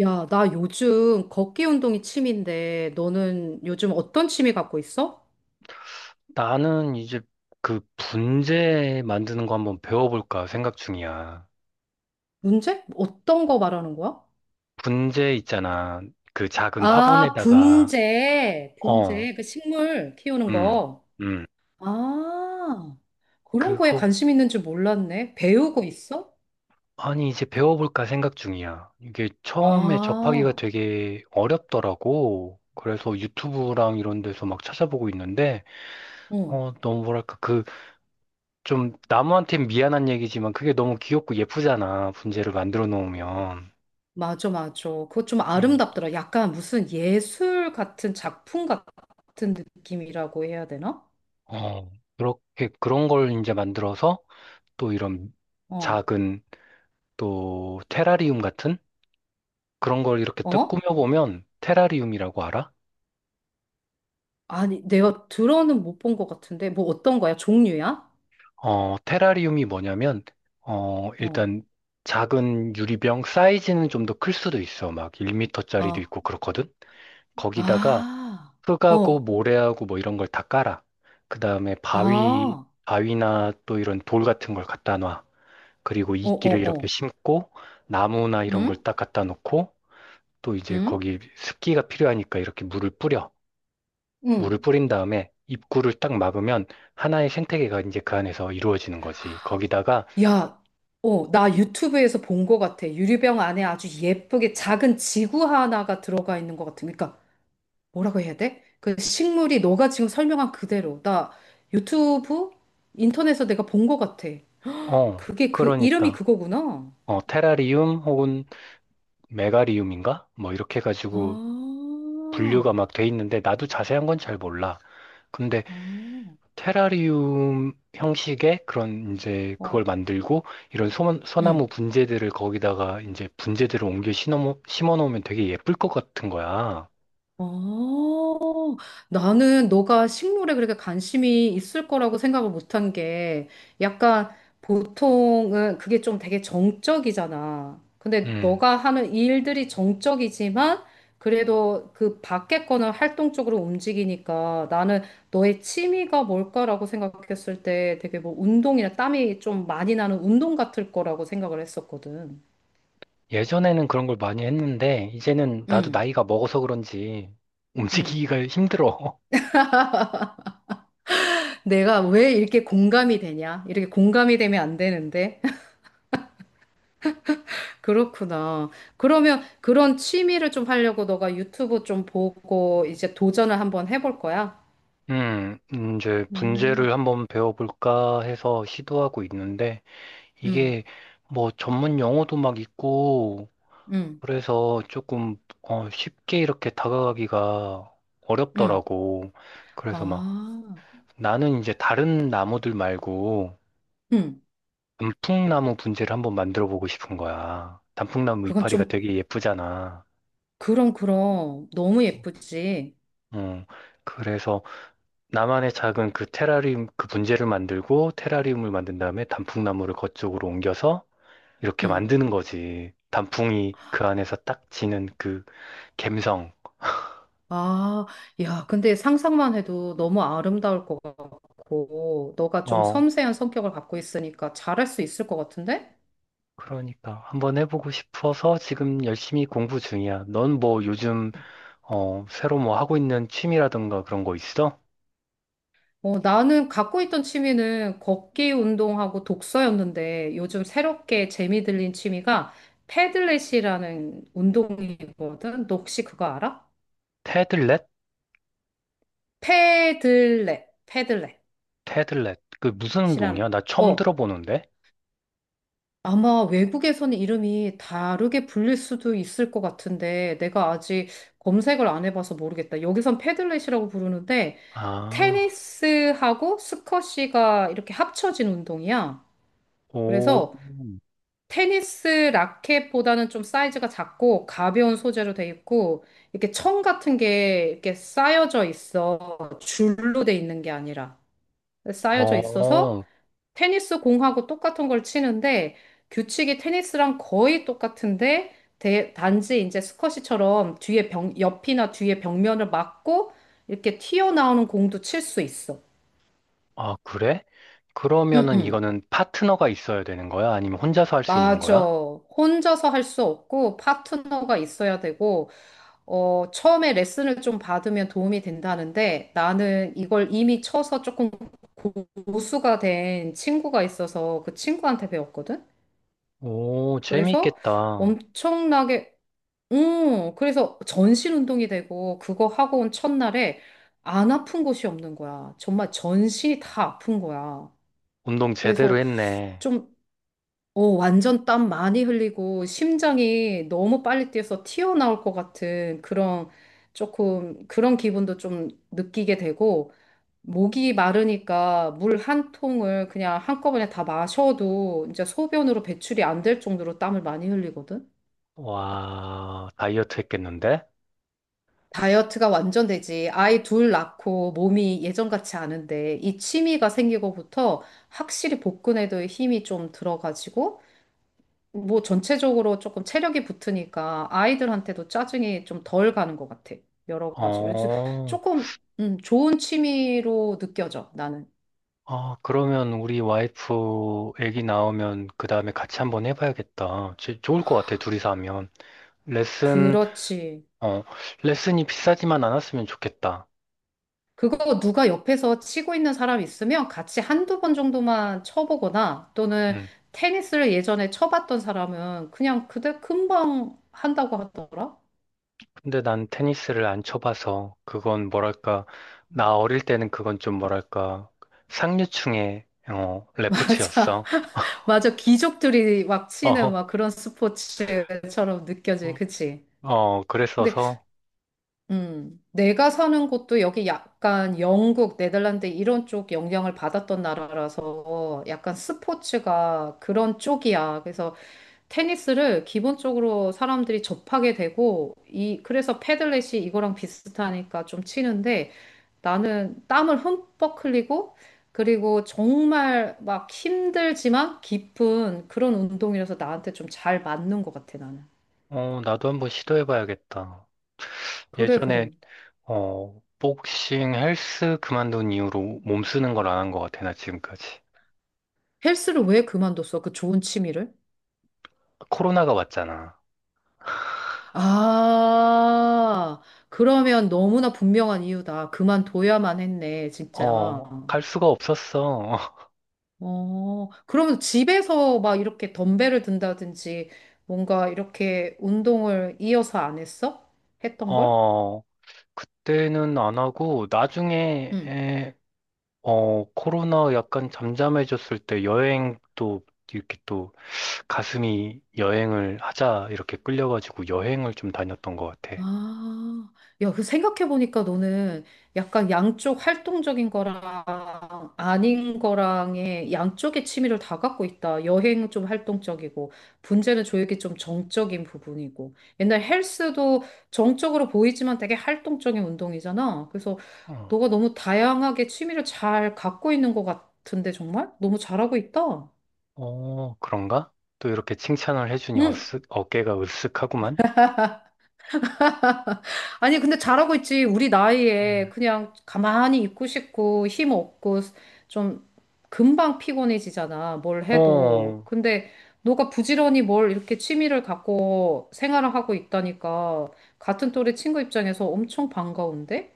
야, 나 요즘 걷기 운동이 취미인데, 너는 요즘 어떤 취미 갖고 있어? 나는 이제 그 분재 만드는 거 한번 배워볼까 생각 중이야. 문제? 어떤 거 말하는 거야? 분재 있잖아. 그 작은 아, 화분에다가, 분재. 어, 분재. 그 식물 키우는 음, 거. 음. 아, 그런 거에 그거, 관심 있는 줄 몰랐네. 배우고 있어? 아니, 이제 배워볼까 생각 중이야. 이게 처음에 접하기가 아, 되게 어렵더라고. 그래서 유튜브랑 이런 데서 막 찾아보고 있는데, 응. 너무 뭐랄까, 그, 좀, 나무한테 미안한 얘기지만 그게 너무 귀엽고 예쁘잖아. 분재를 만들어 놓으면. 맞아, 맞아. 그거 좀 음. 아름답더라. 약간 무슨 예술 같은 작품 같은 느낌이라고 해야 되나? 어, 그렇게 그런 걸 이제 만들어서 또 이런 어, 작은 또 테라리움 같은 그런 걸 이렇게 딱 어? 꾸며보면 테라리움이라고 알아? 아니, 내가 들어는 못 본 것 같은데, 뭐 어떤 거야? 종류야? 테라리움이 뭐냐면 어, 일단 작은 유리병 사이즈는 좀 더 클 수도 있어. 막 1미터짜리도 아, 있고 그렇거든. 거기다가 아, 흙하고 어, 모래하고 뭐 이런 걸 다 깔아. 그다음에 아, 어, 바위나 또 이런 돌 같은 걸 갖다 놔. 그리고 어, 이끼를 이렇게 어. 심고 나무나 이런 걸 응? 딱 갖다 놓고 또 이제 응? 거기 습기가 필요하니까 이렇게 물을 뿌려. 물을 응. 뿌린 다음에 입구를 딱 막으면 하나의 생태계가 이제 그 안에서 이루어지는 거지. 거기다가 야, 나 유튜브에서 본 것 같아. 유리병 안에 아주 예쁘게 작은 지구 하나가 들어가 있는 것 같은. 그러니까, 뭐라고 해야 돼? 그 식물이 너가 지금 설명한 그대로. 나 유튜브? 인터넷에서 내가 본 것 같아. 그게 이름이 그러니까 그거구나. 테라리움 혹은 메가리움인가? 뭐 이렇게 해가지고 아, 분류가 막 돼 있는데 나도 자세한 건 잘 몰라. 근데 아. 테라리움 형식의 그런 이제 그걸 어. 만들고 이런 응. 소나무 분재들을 거기다가 이제 분재들을 옮겨 심어 놓으면 되게 예쁠 것 같은 거야. 어, 나는 너가 식물에 그렇게 관심이 있을 거라고 생각을 못한 게 약간 보통은 그게 좀 되게 정적이잖아. 근데 음. 너가 하는 일들이 정적이지만 그래도 그 밖에 거는 활동적으로 움직이니까 나는 너의 취미가 뭘까라고 생각했을 때 되게 뭐 운동이나 땀이 좀 많이 나는 운동 같을 거라고 생각을 했었거든. 예전에는 그런 걸 많이 했는데 이제는 나도 응, 나이가 먹어서 그런지 응. 움직이기가 힘들어. 내가 왜 이렇게 공감이 되냐? 이렇게 공감이 되면 안 되는데. 그렇구나. 그러면 그런 취미를 좀 하려고 너가 유튜브 좀 보고 이제 도전을 한번 해볼 거야? 음, 이제 음, 분재를 한번 배워볼까 해서 시도하고 있는데 음, 이게 뭐 전문 용어도 막 있고 음, 그래서 조금 쉽게 이렇게 다가가기가 음. 어렵더라고. 그래서 막 아, 나는 이제 다른 나무들 말고 음. 단풍나무 분재를 한번 만들어 보고 싶은 거야. 단풍나무 그건 이파리가 좀, 되게 예쁘잖아. 그럼, 그럼. 너무 예쁘지? 음, 그래서 나만의 작은 그 테라리움 그 분재를 만들고 테라리움을 만든 다음에 단풍나무를 거쪽으로 옮겨서 이렇게 음. 만드는 거지. 단풍이 그 안에서 딱 지는 그 감성. 아, 야, 근데 상상만 해도 너무 아름다울 것 같고, 너가 좀 어, 섬세한 성격을 갖고 있으니까 잘할 수 있을 것 같은데? 그러니까 한번 해보고 싶어서 지금 열심히 공부 중이야. 넌 뭐 요즘 새로 뭐 하고 있는 취미라든가 그런 거 있어? 나는 갖고 있던 취미는 걷기 운동하고 독서였는데 요즘 새롭게 재미 들린 취미가 패들렛이라는 운동이거든. 너 혹시 그거 알아? 테들렛? 패들렛, 패들렛이라는. 테들렛. 그 무슨 운동이야? 나 처음 어, 들어보는데. 아마 외국에서는 이름이 다르게 불릴 수도 있을 것 같은데 내가 아직 검색을 안 해봐서 모르겠다. 여기선 패들렛이라고 부르는데 아, 테니스하고 스쿼시가 이렇게 합쳐진 운동이야. 오, 그래서 테니스 라켓보다는 좀 사이즈가 작고 가벼운 소재로 돼 있고 이렇게 천 같은 게 이렇게 쌓여져 있어. 줄로 돼 있는 게 아니라 쌓여져 있어서 어, 테니스 공하고 똑같은 걸 치는데 규칙이 테니스랑 거의 똑같은데 단지 이제 스쿼시처럼 뒤에 벽, 옆이나 뒤에 벽면을 막고 이렇게 튀어나오는 공도 칠 수 있어. 아, 그래? 응, 그러면은 응. 이거는 파트너가 있어야 되는 거야? 아니면 혼자서 할 수 있는 맞아. 거야? 혼자서 할 수 없고 파트너가 있어야 되고 처음에 레슨을 좀 받으면 도움이 된다는데 나는 이걸 이미 쳐서 조금 고수가 된 친구가 있어서 그 친구한테 배웠거든? 오, 그래서 재미있겠다. 엄청나게, 그래서 전신 운동이 되고 그거 하고 온 첫날에 안 아픈 곳이 없는 거야. 정말 전신이 다 아픈 거야. 운동 제대로 그래서 했네. 좀 완전 땀 많이 흘리고 심장이 너무 빨리 뛰어서 튀어나올 것 같은 그런 조금 그런 기분도 좀 느끼게 되고 목이 마르니까 물 한 통을 그냥 한꺼번에 다 마셔도 이제 소변으로 배출이 안 될 정도로 땀을 많이 흘리거든. 와, 다이어트 했겠는데? 다이어트가 완전 되지. 아이 둘 낳고 몸이 예전 같지 않은데 이 취미가 생기고부터 확실히 복근에도 힘이 좀 들어가지고 뭐 전체적으로 조금 체력이 붙으니까 아이들한테도 짜증이 좀 덜 가는 것 같아. 여러 가지로. 그래서 어. 조금 좋은 취미로 느껴져, 나는. 아, 그러면 우리 와이프 애기 나오면 그 다음에 같이 한번 해봐야겠다. 좋을 것 같아, 둘이서 하면. 레슨, 그렇지. 어, 레슨이 비싸지만 않았으면 좋겠다. 그거 누가 옆에서 치고 있는 사람 있으면 같이 한두 번 정도만 쳐보거나 또는 음. 테니스를 예전에 쳐봤던 사람은 그냥 그대 금방 한다고 하더라. 근데 난 테니스를 안 쳐봐서 그건 뭐랄까, 음. 나 어릴 때는 그건 좀 뭐랄까, 상류층의, 맞아. 레포츠였어. 맞아. 귀족들이 막 치는 어허. 막 그런 스포츠처럼 느껴지. 어, 그치? 근데 그랬어서, 내가 사는 곳도 여기 약간 영국, 네덜란드 이런 쪽 영향을 받았던 나라라서 약간 스포츠가 그런 쪽이야. 그래서 테니스를 기본적으로 사람들이 접하게 되고, 그래서 패들렛이 이거랑 비슷하니까 좀 치는데 나는 땀을 흠뻑 흘리고, 그리고 정말 막 힘들지만 깊은 그런 운동이라서 나한테 좀 잘 맞는 것 같아, 나는. 나도 한번 시도해봐야겠다. 그래, 예전에 그래. 복싱 헬스 그만둔 이후로 몸 쓰는 걸 안 한 것 같아, 나 지금까지. 헬스를 왜 그만뒀어? 그 좋은 취미를? 코로나가 왔잖아. 아, 그러면 너무나 분명한 이유다. 그만둬야만 했네, 진짜. 어, 갈 수가 없었어. 그러면 집에서 막 이렇게 덤벨을 든다든지 뭔가 이렇게 운동을 이어서 안 했어? 했던 걸? 어, 그때는 안 하고, 나중에, 응. 코로나 약간 잠잠해졌을 때 여행도 이렇게 또 가슴이 여행을 하자 이렇게 끌려가지고 여행을 좀 다녔던 것 같아. 아, 야, 생각해보니까 너는 약간 양쪽 활동적인 거랑 아닌 거랑의 양쪽의 취미를 다 갖고 있다. 여행은 좀 활동적이고, 분재는 조육이 좀 정적인 부분이고, 옛날 헬스도 정적으로 보이지만 되게 활동적인 운동이잖아. 그래서 어, 너가 너무 다양하게 취미를 잘 갖고 있는 것 같은데, 정말? 너무 잘하고 있다. 어, 그런가? 또 이렇게 칭찬을 해주니 응, 어깨가 으쓱하구만. 아니, 근데 잘하고 있지. 우리 음. 나이에 그냥 가만히 있고 싶고 힘 없고 좀 금방 피곤해지잖아. 뭘 해도. 어, 근데 너가 부지런히 뭘 이렇게 취미를 갖고 생활을 하고 있다니까 같은 또래 친구 입장에서 엄청 반가운데?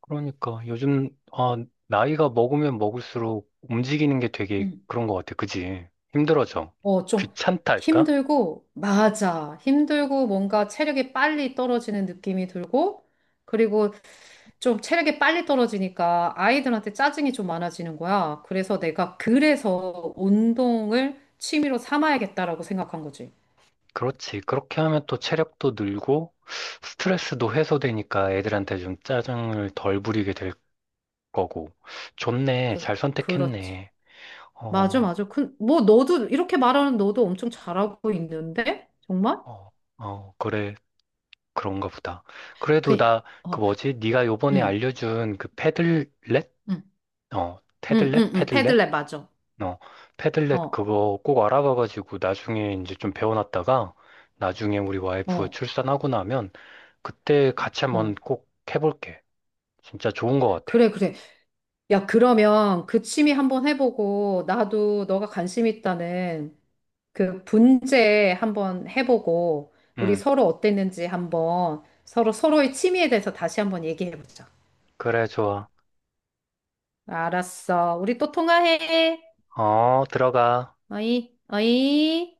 그러니까 요즘 나이가 먹으면 먹을수록 움직이는 게 되게 응. 그런 것 같아. 그지? 힘들어져. 좀 귀찮다 할까? 힘들고, 맞아. 힘들고, 뭔가 체력이 빨리 떨어지는 느낌이 들고, 그리고 좀 체력이 빨리 떨어지니까 아이들한테 짜증이 좀 많아지는 거야. 그래서 내가 그래서 운동을 취미로 삼아야겠다라고 생각한 거지. 그렇지. 그렇게 하면 또 체력도 늘고 스트레스도 해소되니까 애들한테 좀 짜증을 덜 부리게 될 거고. 좋네. 그, 잘 그렇지. 선택했네. 맞아, 어, 맞아. 뭐, 이렇게 말하는 너도 엄청 잘하고 있는데? 정말? 어, 어, 그래. 그런가 보다. 그, 그래도 나 그 어, 뭐지? 네가 요번에 응, 알려준 그 패들렛? 응, 어, 응, 테들렛? 응, 응, 패들렛? 패들렛 맞아. 어, 패들렛 어, 그거 꼭 알아봐가지고 나중에 이제 좀 배워놨다가 나중에 우리 와이프 어, 출산하고 나면 그때 같이 한번 어. 꼭 해볼게. 진짜 좋은 것 같아. 그래, 그래. 야, 그러면 그 취미 한번 해보고, 나도 너가 관심 있다는 그 분재 한번 해보고, 우리 응, 서로 어땠는지 한번 서로 서로의 취미에 대해서 다시 한번 얘기해보자. 그래, 좋아. 알았어. 우리 또 통화해. 어, 들어가. 어이, 어이.